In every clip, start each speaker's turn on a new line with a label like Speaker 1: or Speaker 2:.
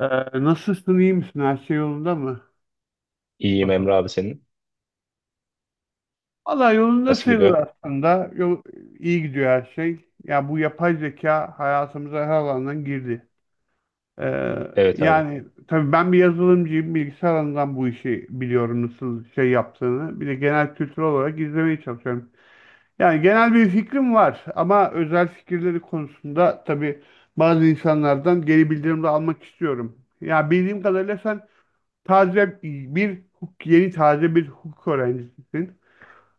Speaker 1: Ee, Nasılsın, iyi misin? Her şey yolunda mı
Speaker 2: İyiyim
Speaker 1: Mustafa?
Speaker 2: Emre abi senin.
Speaker 1: Valla yolunda
Speaker 2: Nasıl
Speaker 1: sayılır
Speaker 2: gidiyor?
Speaker 1: aslında. Yol, iyi gidiyor her şey. Ya bu yapay zeka hayatımıza her alandan girdi. Ee,
Speaker 2: Evet abi.
Speaker 1: Yani tabii ben bir yazılımcıyım. Bilgisayar alanından bu işi biliyorum nasıl şey yaptığını. Bir de genel kültür olarak izlemeye çalışıyorum. Yani genel bir fikrim var ama özel fikirleri konusunda tabii bazı insanlardan geri bildirim de almak istiyorum. Ya bildiğim kadarıyla sen yeni taze bir hukuk öğrencisisin.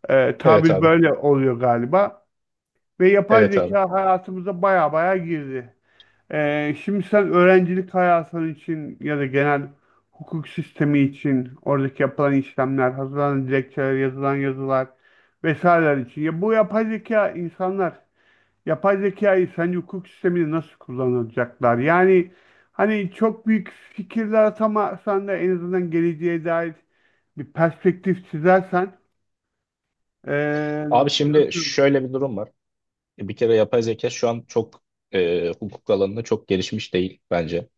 Speaker 2: Evet
Speaker 1: Tabir
Speaker 2: abi.
Speaker 1: böyle oluyor galiba. Ve yapay
Speaker 2: Evet abi.
Speaker 1: zeka hayatımıza baya baya girdi. Şimdi sen öğrencilik hayatın için ya da genel hukuk sistemi için oradaki yapılan işlemler, hazırlanan dilekçeler, yazılan yazılar vesaireler için. Ya bu yapay zeka insanlar Yapay zekayı sence hukuk sisteminde nasıl kullanacaklar? Yani hani çok büyük fikirler atamasan da en azından geleceğe dair bir perspektif çizersen ee,
Speaker 2: Abi şimdi
Speaker 1: nasıl?
Speaker 2: şöyle bir durum var. Bir kere yapay zeka şu an çok hukuk alanında çok gelişmiş değil bence.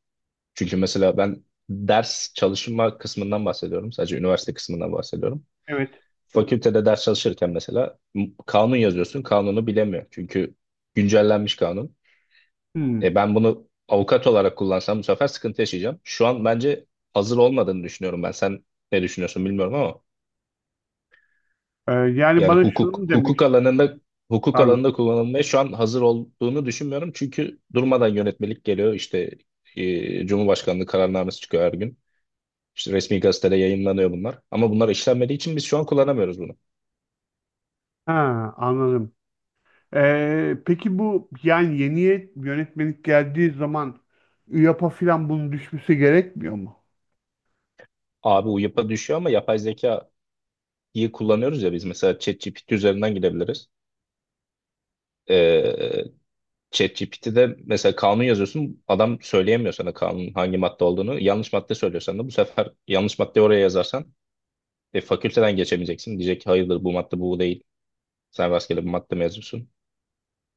Speaker 2: Çünkü mesela ben ders çalışma kısmından bahsediyorum. Sadece üniversite kısmından bahsediyorum.
Speaker 1: Evet.
Speaker 2: Fakültede ders çalışırken mesela kanun yazıyorsun. Kanunu bilemiyor. Çünkü güncellenmiş kanun.
Speaker 1: Hmm.
Speaker 2: Ben bunu avukat olarak kullansam bu sefer sıkıntı yaşayacağım. Şu an bence hazır olmadığını düşünüyorum ben. Sen ne düşünüyorsun bilmiyorum ama.
Speaker 1: Yani
Speaker 2: Yani
Speaker 1: bana şunu mu demek istiyor.
Speaker 2: hukuk
Speaker 1: Pardon.
Speaker 2: alanında kullanılmaya şu an hazır olduğunu düşünmüyorum. Çünkü durmadan yönetmelik geliyor. İşte Cumhurbaşkanlığı kararnamesi çıkıyor her gün. İşte resmi gazetede yayınlanıyor bunlar. Ama bunlar işlenmediği için biz şu an kullanamıyoruz bunu.
Speaker 1: Ha, anladım. Peki bu yani yeni yönetmenlik geldiği zaman ÜYAP'a falan bunun düşmesi gerekmiyor mu?
Speaker 2: Abi UYAP'a düşüyor ama yapay zekayı kullanıyoruz ya biz. Mesela ChatGPT üzerinden gidebiliriz. Ee, ChatGPT'de mesela kanun yazıyorsun. Adam söyleyemiyor sana kanun hangi madde olduğunu. Yanlış madde söylüyorsan da bu sefer yanlış maddeyi oraya yazarsan fakülteden geçemeyeceksin. Diyecek ki hayırdır bu madde bu değil. Sen rastgele bir madde mezunsun.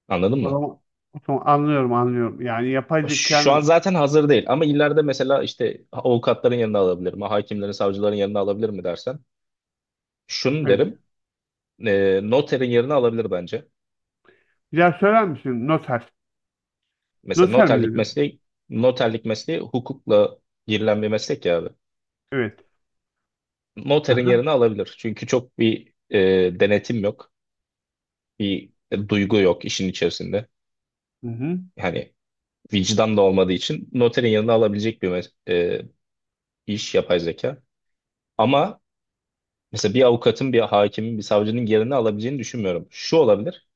Speaker 2: Anladın
Speaker 1: O
Speaker 2: mı?
Speaker 1: zaman, O zaman anlıyorum. Yani yapay
Speaker 2: Şu an
Speaker 1: zekanın
Speaker 2: zaten hazır değil ama ileride mesela işte avukatların yanına alabilir mi? Hakimlerin, savcıların yanına alabilir mi dersen. Şunu
Speaker 1: evet.
Speaker 2: derim. Noterin yerine alabilir bence.
Speaker 1: Bir daha söyler misin? Noter.
Speaker 2: Mesela
Speaker 1: Noter mi
Speaker 2: noterlik
Speaker 1: dedin?
Speaker 2: mesleği noterlik mesleği hukukla girilen bir meslek ya abi.
Speaker 1: Evet. Hı
Speaker 2: Noterin
Speaker 1: hı.
Speaker 2: yerine alabilir. Çünkü çok bir denetim yok. Bir duygu yok işin içerisinde.
Speaker 1: Hı hı.
Speaker 2: Yani vicdan da olmadığı için noterin yanına alabilecek bir iş yapay zeka. Ama mesela bir avukatın, bir hakimin, bir savcının yerini alabileceğini düşünmüyorum. Şu olabilir,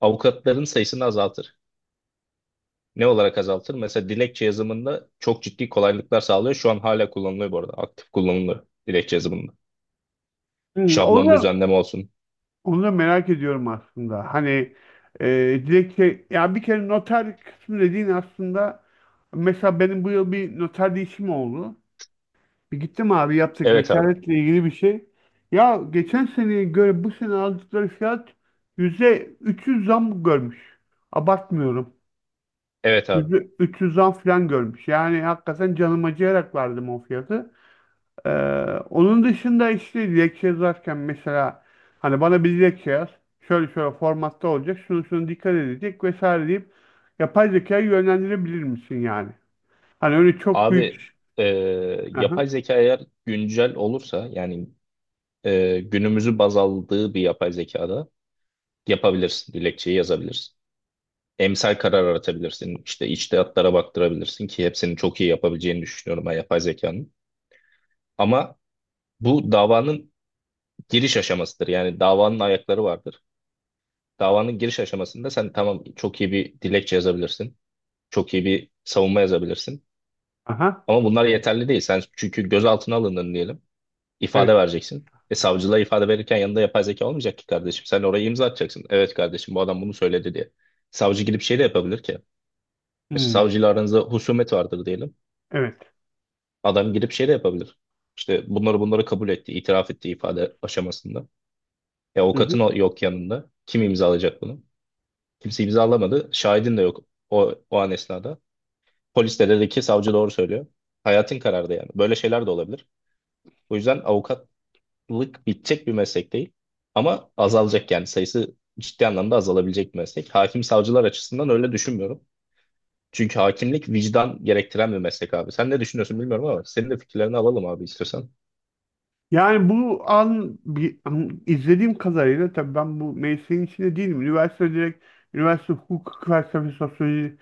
Speaker 2: avukatların sayısını azaltır. Ne olarak azaltır? Mesela dilekçe yazımında çok ciddi kolaylıklar sağlıyor. Şu an hala kullanılıyor bu arada. Aktif kullanılıyor dilekçe yazımında.
Speaker 1: Hmm.
Speaker 2: Şablon düzenleme olsun.
Speaker 1: Onu da merak ediyorum aslında. Hani e, dilekçe ya bir kere noter kısmı dediğin aslında mesela benim bu yıl bir noter değişimi oldu. Bir gittim abi yaptık
Speaker 2: Evet abi.
Speaker 1: vekaletle ilgili bir şey. Ya geçen seneye göre bu sene aldıkları fiyat %300 zam görmüş. Abartmıyorum.
Speaker 2: Evet abi.
Speaker 1: 300'den falan görmüş. Yani hakikaten canım acıyarak verdim o fiyatı. Ee, Onun dışında işte dilekçe yazarken mesela hani bana bir dilekçe yaz. Şöyle şöyle formatta olacak. Şunu şunu dikkat edecek vesaire deyip yapay zekayı yönlendirebilir misin yani? Hani öyle çok
Speaker 2: Abi
Speaker 1: büyük.
Speaker 2: e,
Speaker 1: Aha.
Speaker 2: yapay zeka eğer güncel olursa yani günümüzü baz aldığı bir yapay zekada yapabilirsin. Dilekçeyi yazabilirsin. Emsal karar aratabilirsin. İşte içtihatlara baktırabilirsin ki hepsini çok iyi yapabileceğini düşünüyorum ben yapay zekanın. Ama bu davanın giriş aşamasıdır. Yani davanın ayakları vardır. Davanın giriş aşamasında sen tamam çok iyi bir dilekçe yazabilirsin. Çok iyi bir savunma yazabilirsin.
Speaker 1: Aha.
Speaker 2: Ama bunlar yeterli değil. Sen çünkü gözaltına alındın diyelim. İfade
Speaker 1: Evet.
Speaker 2: vereceksin. Savcılığa ifade verirken yanında yapay zeka olmayacak ki kardeşim. Sen oraya imza atacaksın. Evet kardeşim bu adam bunu söyledi diye. Savcı gidip şey de yapabilir ki. Mesela
Speaker 1: Hmm,
Speaker 2: savcıyla aranızda husumet vardır diyelim.
Speaker 1: evet.
Speaker 2: Adam gidip şey de yapabilir. İşte bunları kabul etti, itiraf etti ifade aşamasında. E,
Speaker 1: Hı
Speaker 2: avukatın
Speaker 1: hı.
Speaker 2: yok yanında. Kim imzalayacak bunu? Kimse imzalamadı. Şahidin de yok o an esnada. Polis de dedi ki savcı doğru söylüyor. Hayatın karardı yani. Böyle şeyler de olabilir. O yüzden avukatlık bitecek bir meslek değil. Ama azalacak yani sayısı ciddi anlamda azalabilecek bir meslek. Hakim savcılar açısından öyle düşünmüyorum. Çünkü hakimlik vicdan gerektiren bir meslek abi. Sen ne düşünüyorsun bilmiyorum ama senin de fikirlerini alalım abi istiyorsan.
Speaker 1: Yani bu an bir an- izlediğim kadarıyla tabii ben bu mesleğin içinde değilim. Üniversite hukuk felsefesi sosyoloji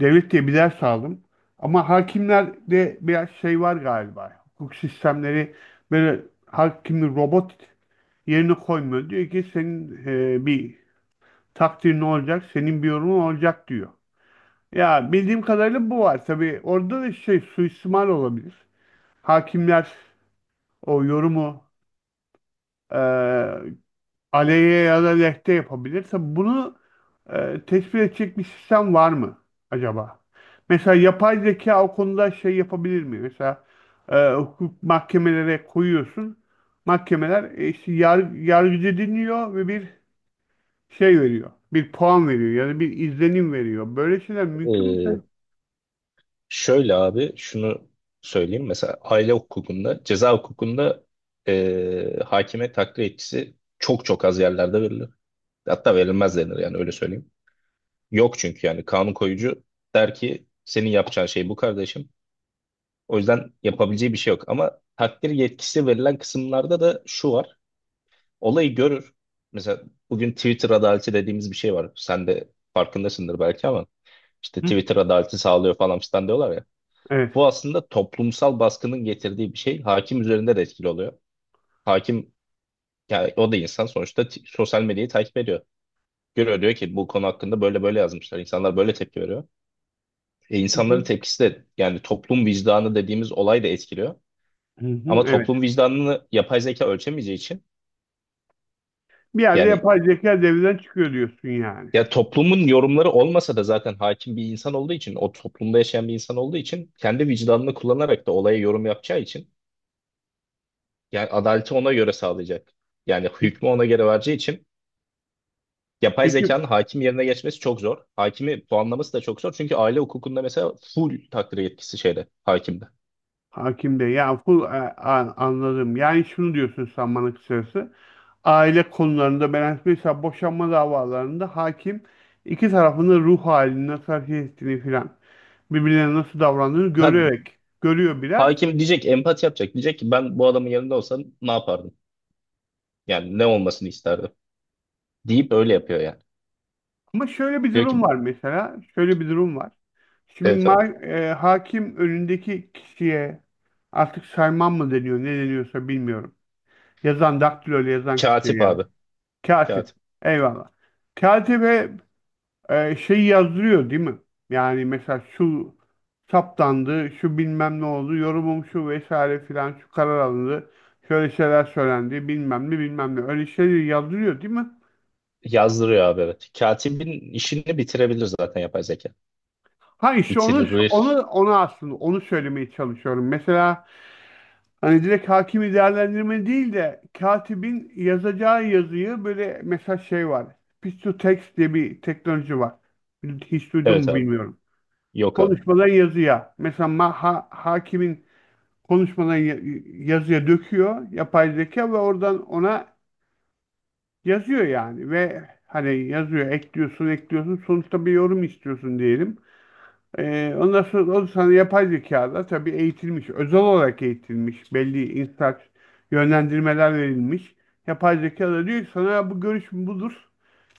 Speaker 1: devlet diye bir ders aldım. Ama hakimlerde biraz şey var galiba. Hukuk sistemleri böyle hakimi robot yerine koymuyor. Diyor ki senin bir takdirin olacak, senin bir yorumun olacak diyor. Ya bildiğim kadarıyla bu var. Tabii orada da şey suistimal olabilir. Hakimler o yorumu e, aleyhe ya da lehte yapabilirse bunu tespit edecek bir sistem var mı acaba? Mesela yapay zeka o konuda şey yapabilir mi? Mesela hukuk mahkemelere koyuyorsun. Mahkemeler işte yargıcı dinliyor ve bir şey veriyor. Bir puan veriyor ya da bir izlenim veriyor. Böyle şeyler mümkün mü
Speaker 2: Ee,
Speaker 1: sen?
Speaker 2: Şöyle abi şunu söyleyeyim. Mesela aile hukukunda, ceza hukukunda hakime takdir yetkisi çok çok az yerlerde verilir. Hatta verilmez denir yani öyle söyleyeyim. Yok çünkü yani kanun koyucu der ki senin yapacağın şey bu kardeşim. O yüzden yapabileceği bir şey yok. Ama takdir yetkisi verilen kısımlarda da şu var. Olayı görür. Mesela bugün Twitter adaleti dediğimiz bir şey var. Sen de farkındasındır belki ama işte
Speaker 1: Hı,
Speaker 2: Twitter adaleti sağlıyor falan filan diyorlar ya.
Speaker 1: evet.
Speaker 2: Bu aslında toplumsal baskının getirdiği bir şey. Hakim üzerinde de etkili oluyor. Hakim, yani o da insan sonuçta sosyal medyayı takip ediyor. Görüyor diyor ki bu konu hakkında böyle böyle yazmışlar. İnsanlar böyle tepki veriyor. E,
Speaker 1: Hı hı.
Speaker 2: insanların tepkisi de yani toplum vicdanı dediğimiz olay da etkiliyor.
Speaker 1: Hı hı,
Speaker 2: Ama
Speaker 1: evet.
Speaker 2: toplum vicdanını yapay zeka ölçemeyeceği için
Speaker 1: Bir yerde
Speaker 2: yani
Speaker 1: yapay zeka devreden çıkıyor diyorsun yani.
Speaker 2: ya toplumun yorumları olmasa da zaten hakim bir insan olduğu için o toplumda yaşayan bir insan olduğu için kendi vicdanını kullanarak da olaya yorum yapacağı için yani adaleti ona göre sağlayacak. Yani
Speaker 1: Peki,
Speaker 2: hükmü ona göre vereceği için yapay
Speaker 1: peki
Speaker 2: zekanın hakim yerine geçmesi çok zor. Hakimi puanlaması da çok zor. Çünkü aile hukukunda mesela full takdir yetkisi şeyde, hakimde.
Speaker 1: Hakim Bey ya anladım. Yani şunu diyorsun sen bana kısacası. Aile konularında ben mesela boşanma davalarında hakim iki tarafın da ruh halini nasıl hareket ettiğini filan birbirlerine nasıl davrandığını
Speaker 2: Ya,
Speaker 1: görerek görüyor biraz.
Speaker 2: hakim diyecek, empati yapacak. Diyecek ki ben bu adamın yanında olsam ne yapardım? Yani ne olmasını isterdim? Deyip öyle yapıyor yani.
Speaker 1: Ama şöyle bir
Speaker 2: Diyor
Speaker 1: durum
Speaker 2: ki
Speaker 1: var mesela. Şöyle bir durum var.
Speaker 2: evet abi.
Speaker 1: Hakim önündeki kişiye artık sayman mı deniyor ne deniyorsa bilmiyorum. Yazan daktiloyla yazan kişiye
Speaker 2: Katip
Speaker 1: yani.
Speaker 2: abi.
Speaker 1: Katip.
Speaker 2: Katip.
Speaker 1: Eyvallah. Katibe şeyi yazdırıyor değil mi? Yani mesela şu saptandı, şu bilmem ne oldu, yorumum şu vesaire filan, şu karar alındı, şöyle şeyler söylendi, bilmem ne bilmem ne. Öyle şeyleri yazdırıyor değil mi?
Speaker 2: Yazdırıyor abi evet. Katibin işini bitirebilir zaten yapay zeka.
Speaker 1: Ha işte onu, onu,
Speaker 2: Bitirir.
Speaker 1: onu aslında onu söylemeye çalışıyorum. Mesela hani direkt hakimi değerlendirme değil de katibin yazacağı yazıyı böyle mesela şey var. Speech to text diye bir teknoloji var. Hiç duydun
Speaker 2: Evet
Speaker 1: mu
Speaker 2: abi.
Speaker 1: bilmiyorum.
Speaker 2: Yok abi.
Speaker 1: Konuşmadan yazıya. Hakimin konuşmadan ya- yazıya döküyor yapay zeka ve oradan ona yazıyor yani ve hani yazıyor ekliyorsun sonuçta bir yorum istiyorsun diyelim. Ondan sonra o sana yapay zekada tabii eğitilmiş, özel olarak eğitilmiş, belli instrak yönlendirmeler verilmiş. Yapay zeka da diyor ki sana bu görüş budur,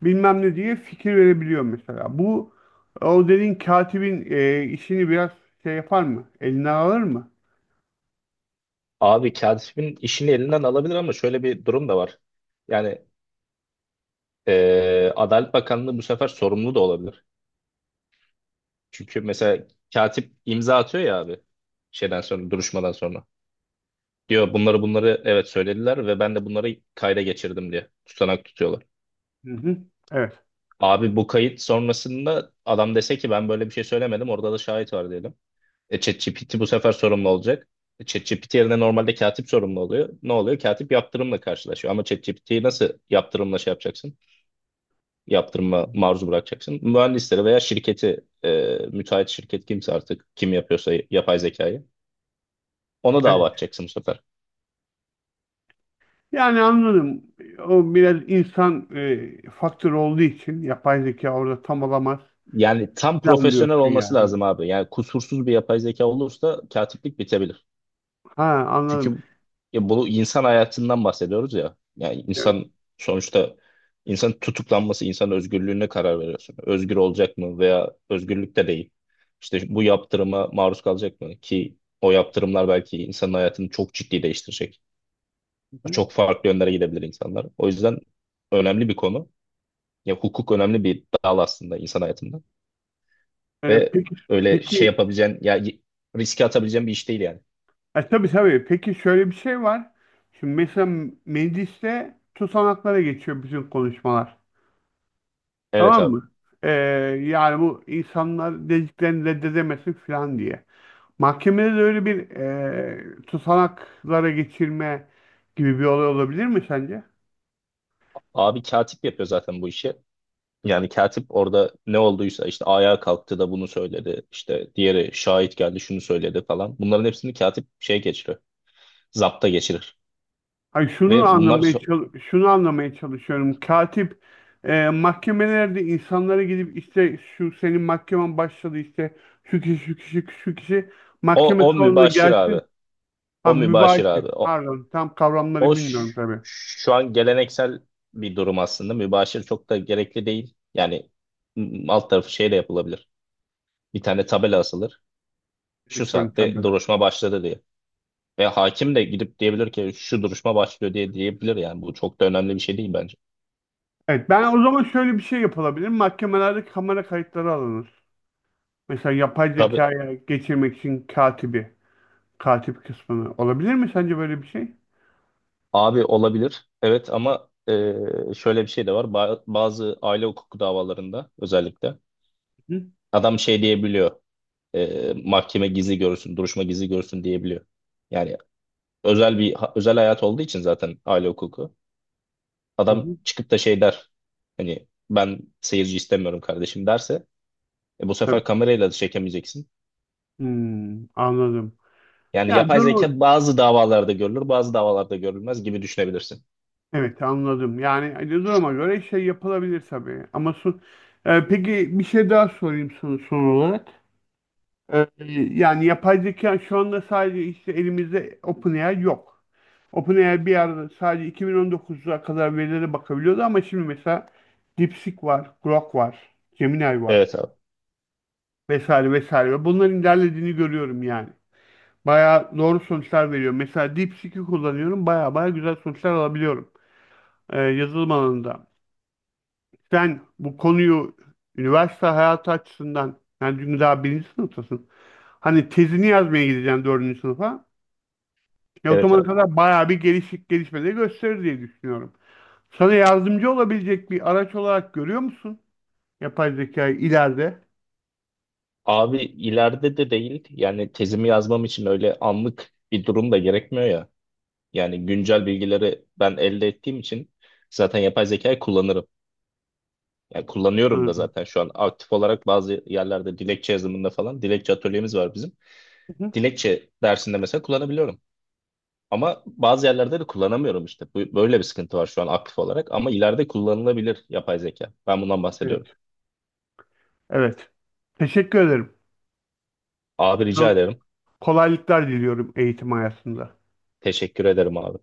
Speaker 1: bilmem ne diye fikir verebiliyor mesela. Bu o dediğin katibin işini biraz şey yapar mı? Elinden alır mı?
Speaker 2: Abi katibin işini elinden alabilir ama şöyle bir durum da var. Yani Adalet Bakanlığı bu sefer sorumlu da olabilir. Çünkü mesela katip imza atıyor ya abi şeyden sonra duruşmadan sonra. Diyor bunları evet söylediler ve ben de bunları kayda geçirdim diye tutanak tutuyorlar.
Speaker 1: Hı hı. Evet.
Speaker 2: Abi bu kayıt sonrasında adam dese ki ben böyle bir şey söylemedim orada da şahit var diyelim. ChatGPT bu sefer sorumlu olacak. ChatGPT yerine normalde katip sorumlu oluyor. Ne oluyor? Katip yaptırımla karşılaşıyor. Ama ChatGPT'yi nasıl yaptırımla şey yapacaksın? Yaptırıma maruz bırakacaksın. Mühendisleri veya şirketi, müteahhit şirket kimse artık kim yapıyorsa yapay zekayı ona
Speaker 1: Evet.
Speaker 2: dava açacaksın bu sefer.
Speaker 1: Yani anladım. O biraz insan faktörü olduğu için yapay zeka orada tam olamaz
Speaker 2: Yani tam
Speaker 1: falan
Speaker 2: profesyonel
Speaker 1: diyorsun
Speaker 2: olması
Speaker 1: yani.
Speaker 2: lazım abi. Yani kusursuz bir yapay zeka olursa katiplik bitebilir.
Speaker 1: Ha anladım.
Speaker 2: Çünkü ya bunu insan hayatından bahsediyoruz ya. Yani
Speaker 1: Evet.
Speaker 2: insan sonuçta insan tutuklanması, insan özgürlüğüne karar veriyorsun. Özgür olacak mı veya özgürlükte değil. İşte bu yaptırıma maruz kalacak mı ki o yaptırımlar belki insanın hayatını çok ciddi değiştirecek.
Speaker 1: Hı hı.
Speaker 2: Çok farklı yönlere gidebilir insanlar. O yüzden önemli bir konu. Ya hukuk önemli bir dal aslında insan hayatında. Ve
Speaker 1: Peki
Speaker 2: öyle şey
Speaker 1: peki
Speaker 2: yapabileceğin, ya riske atabileceğin bir iş değil yani.
Speaker 1: tabii tabii. Peki şöyle bir şey var. Şimdi mesela mecliste tutanaklara geçiyor bütün konuşmalar.
Speaker 2: Evet
Speaker 1: Tamam
Speaker 2: abi.
Speaker 1: mı? E, Yani bu insanlar dediklerini reddedemesin falan diye. Mahkemede de öyle bir tutanaklara geçirme gibi bir olay olabilir mi sence?
Speaker 2: Abi katip yapıyor zaten bu işi. Yani katip orada ne olduysa işte ayağa kalktı da bunu söyledi. İşte diğeri şahit geldi şunu söyledi falan. Bunların hepsini katip şey geçirir. Zapta geçirir.
Speaker 1: Ay şunu
Speaker 2: Ve bunlar
Speaker 1: anlamaya çal- şunu anlamaya çalışıyorum. Katip mahkemelerde insanlara gidip işte şu senin mahkemen başladı işte şu kişi şu kişi şu kişi mahkeme
Speaker 2: o
Speaker 1: salonuna
Speaker 2: mübaşir
Speaker 1: gelsin.
Speaker 2: abi.
Speaker 1: Ha
Speaker 2: O mübaşir
Speaker 1: mübaşir.
Speaker 2: abi.
Speaker 1: Pardon tam
Speaker 2: O
Speaker 1: kavramları
Speaker 2: ş-
Speaker 1: bilmiyorum tabii.
Speaker 2: şu an geleneksel bir durum aslında. Mübaşir çok da gerekli değil. Yani alt tarafı şeyle yapılabilir. Bir tane tabela asılır. Şu
Speaker 1: Elektronik
Speaker 2: saatte
Speaker 1: tabela.
Speaker 2: duruşma başladı diye. Ve hakim de gidip diyebilir ki şu duruşma başlıyor diye diyebilir yani. Bu çok da önemli bir şey değil bence.
Speaker 1: Evet ben o zaman şöyle bir şey yapılabilir. Mahkemelerde kamera kayıtları alınır. Mesela yapay
Speaker 2: Tabii
Speaker 1: zekaya geçirmek için katibi, katip kısmını olabilir mi sence böyle bir şey?
Speaker 2: abi olabilir. Evet ama şöyle bir şey de var. Bazı aile hukuku davalarında özellikle
Speaker 1: Hı
Speaker 2: adam şey diyebiliyor. Mahkeme gizli görsün, duruşma gizli görsün diyebiliyor. Yani özel bir ha- özel hayat olduğu için zaten aile hukuku. Adam
Speaker 1: hı.
Speaker 2: çıkıp da şey der. Hani ben seyirci istemiyorum kardeşim derse bu
Speaker 1: Tabii.
Speaker 2: sefer kamerayla da çekemeyeceksin.
Speaker 1: Hmm, anladım.
Speaker 2: Yani
Speaker 1: Yani
Speaker 2: yapay
Speaker 1: durumu
Speaker 2: zeka bazı davalarda görülür, bazı davalarda görülmez gibi düşünebilirsin.
Speaker 1: evet anladım. Yani hani duruma göre şey yapılabilir tabii. Ama son, peki bir şey daha sorayım sana son olarak. Ee, Yani yapay zeka şu anda sadece işte elimizde OpenAI yok. OpenAI bir arada sadece 2019'a kadar verilere bakabiliyordu ama şimdi mesela DeepSeek var, Grok var, Gemini var
Speaker 2: Evet abi.
Speaker 1: vesaire vesaire. Bunların ilerlediğini görüyorum yani. Bayağı doğru sonuçlar veriyor. Mesela DeepSeek'i kullanıyorum. Bayağı bayağı güzel sonuçlar alabiliyorum yazılım alanında. Sen bu konuyu üniversite hayatı açısından yani çünkü daha birinci sınıftasın. Hani tezini yazmaya gideceksin dördüncü sınıfa. Ya o
Speaker 2: Evet
Speaker 1: zamana
Speaker 2: abi.
Speaker 1: kadar bayağı bir gelişik gelişmeleri gösterir diye düşünüyorum. Sana yardımcı olabilecek bir araç olarak görüyor musun? Yapay zekayı ileride.
Speaker 2: Abi ileride de değil yani tezimi yazmam için öyle anlık bir durum da gerekmiyor ya. Yani güncel bilgileri ben elde ettiğim için zaten yapay zekayı kullanırım. Yani kullanıyorum da
Speaker 1: Anladım.
Speaker 2: zaten şu an aktif olarak bazı yerlerde dilekçe yazımında falan dilekçe atölyemiz var bizim.
Speaker 1: Hı hı.
Speaker 2: Dilekçe dersinde mesela kullanabiliyorum. Ama bazı yerlerde de kullanamıyorum işte. Böyle bir sıkıntı var şu an aktif olarak ama ileride kullanılabilir yapay zeka. Ben bundan bahsediyorum.
Speaker 1: Evet. Evet. Teşekkür ederim.
Speaker 2: Abi
Speaker 1: Sana
Speaker 2: rica ederim.
Speaker 1: kolaylıklar diliyorum eğitim hayatında.
Speaker 2: Teşekkür ederim abi.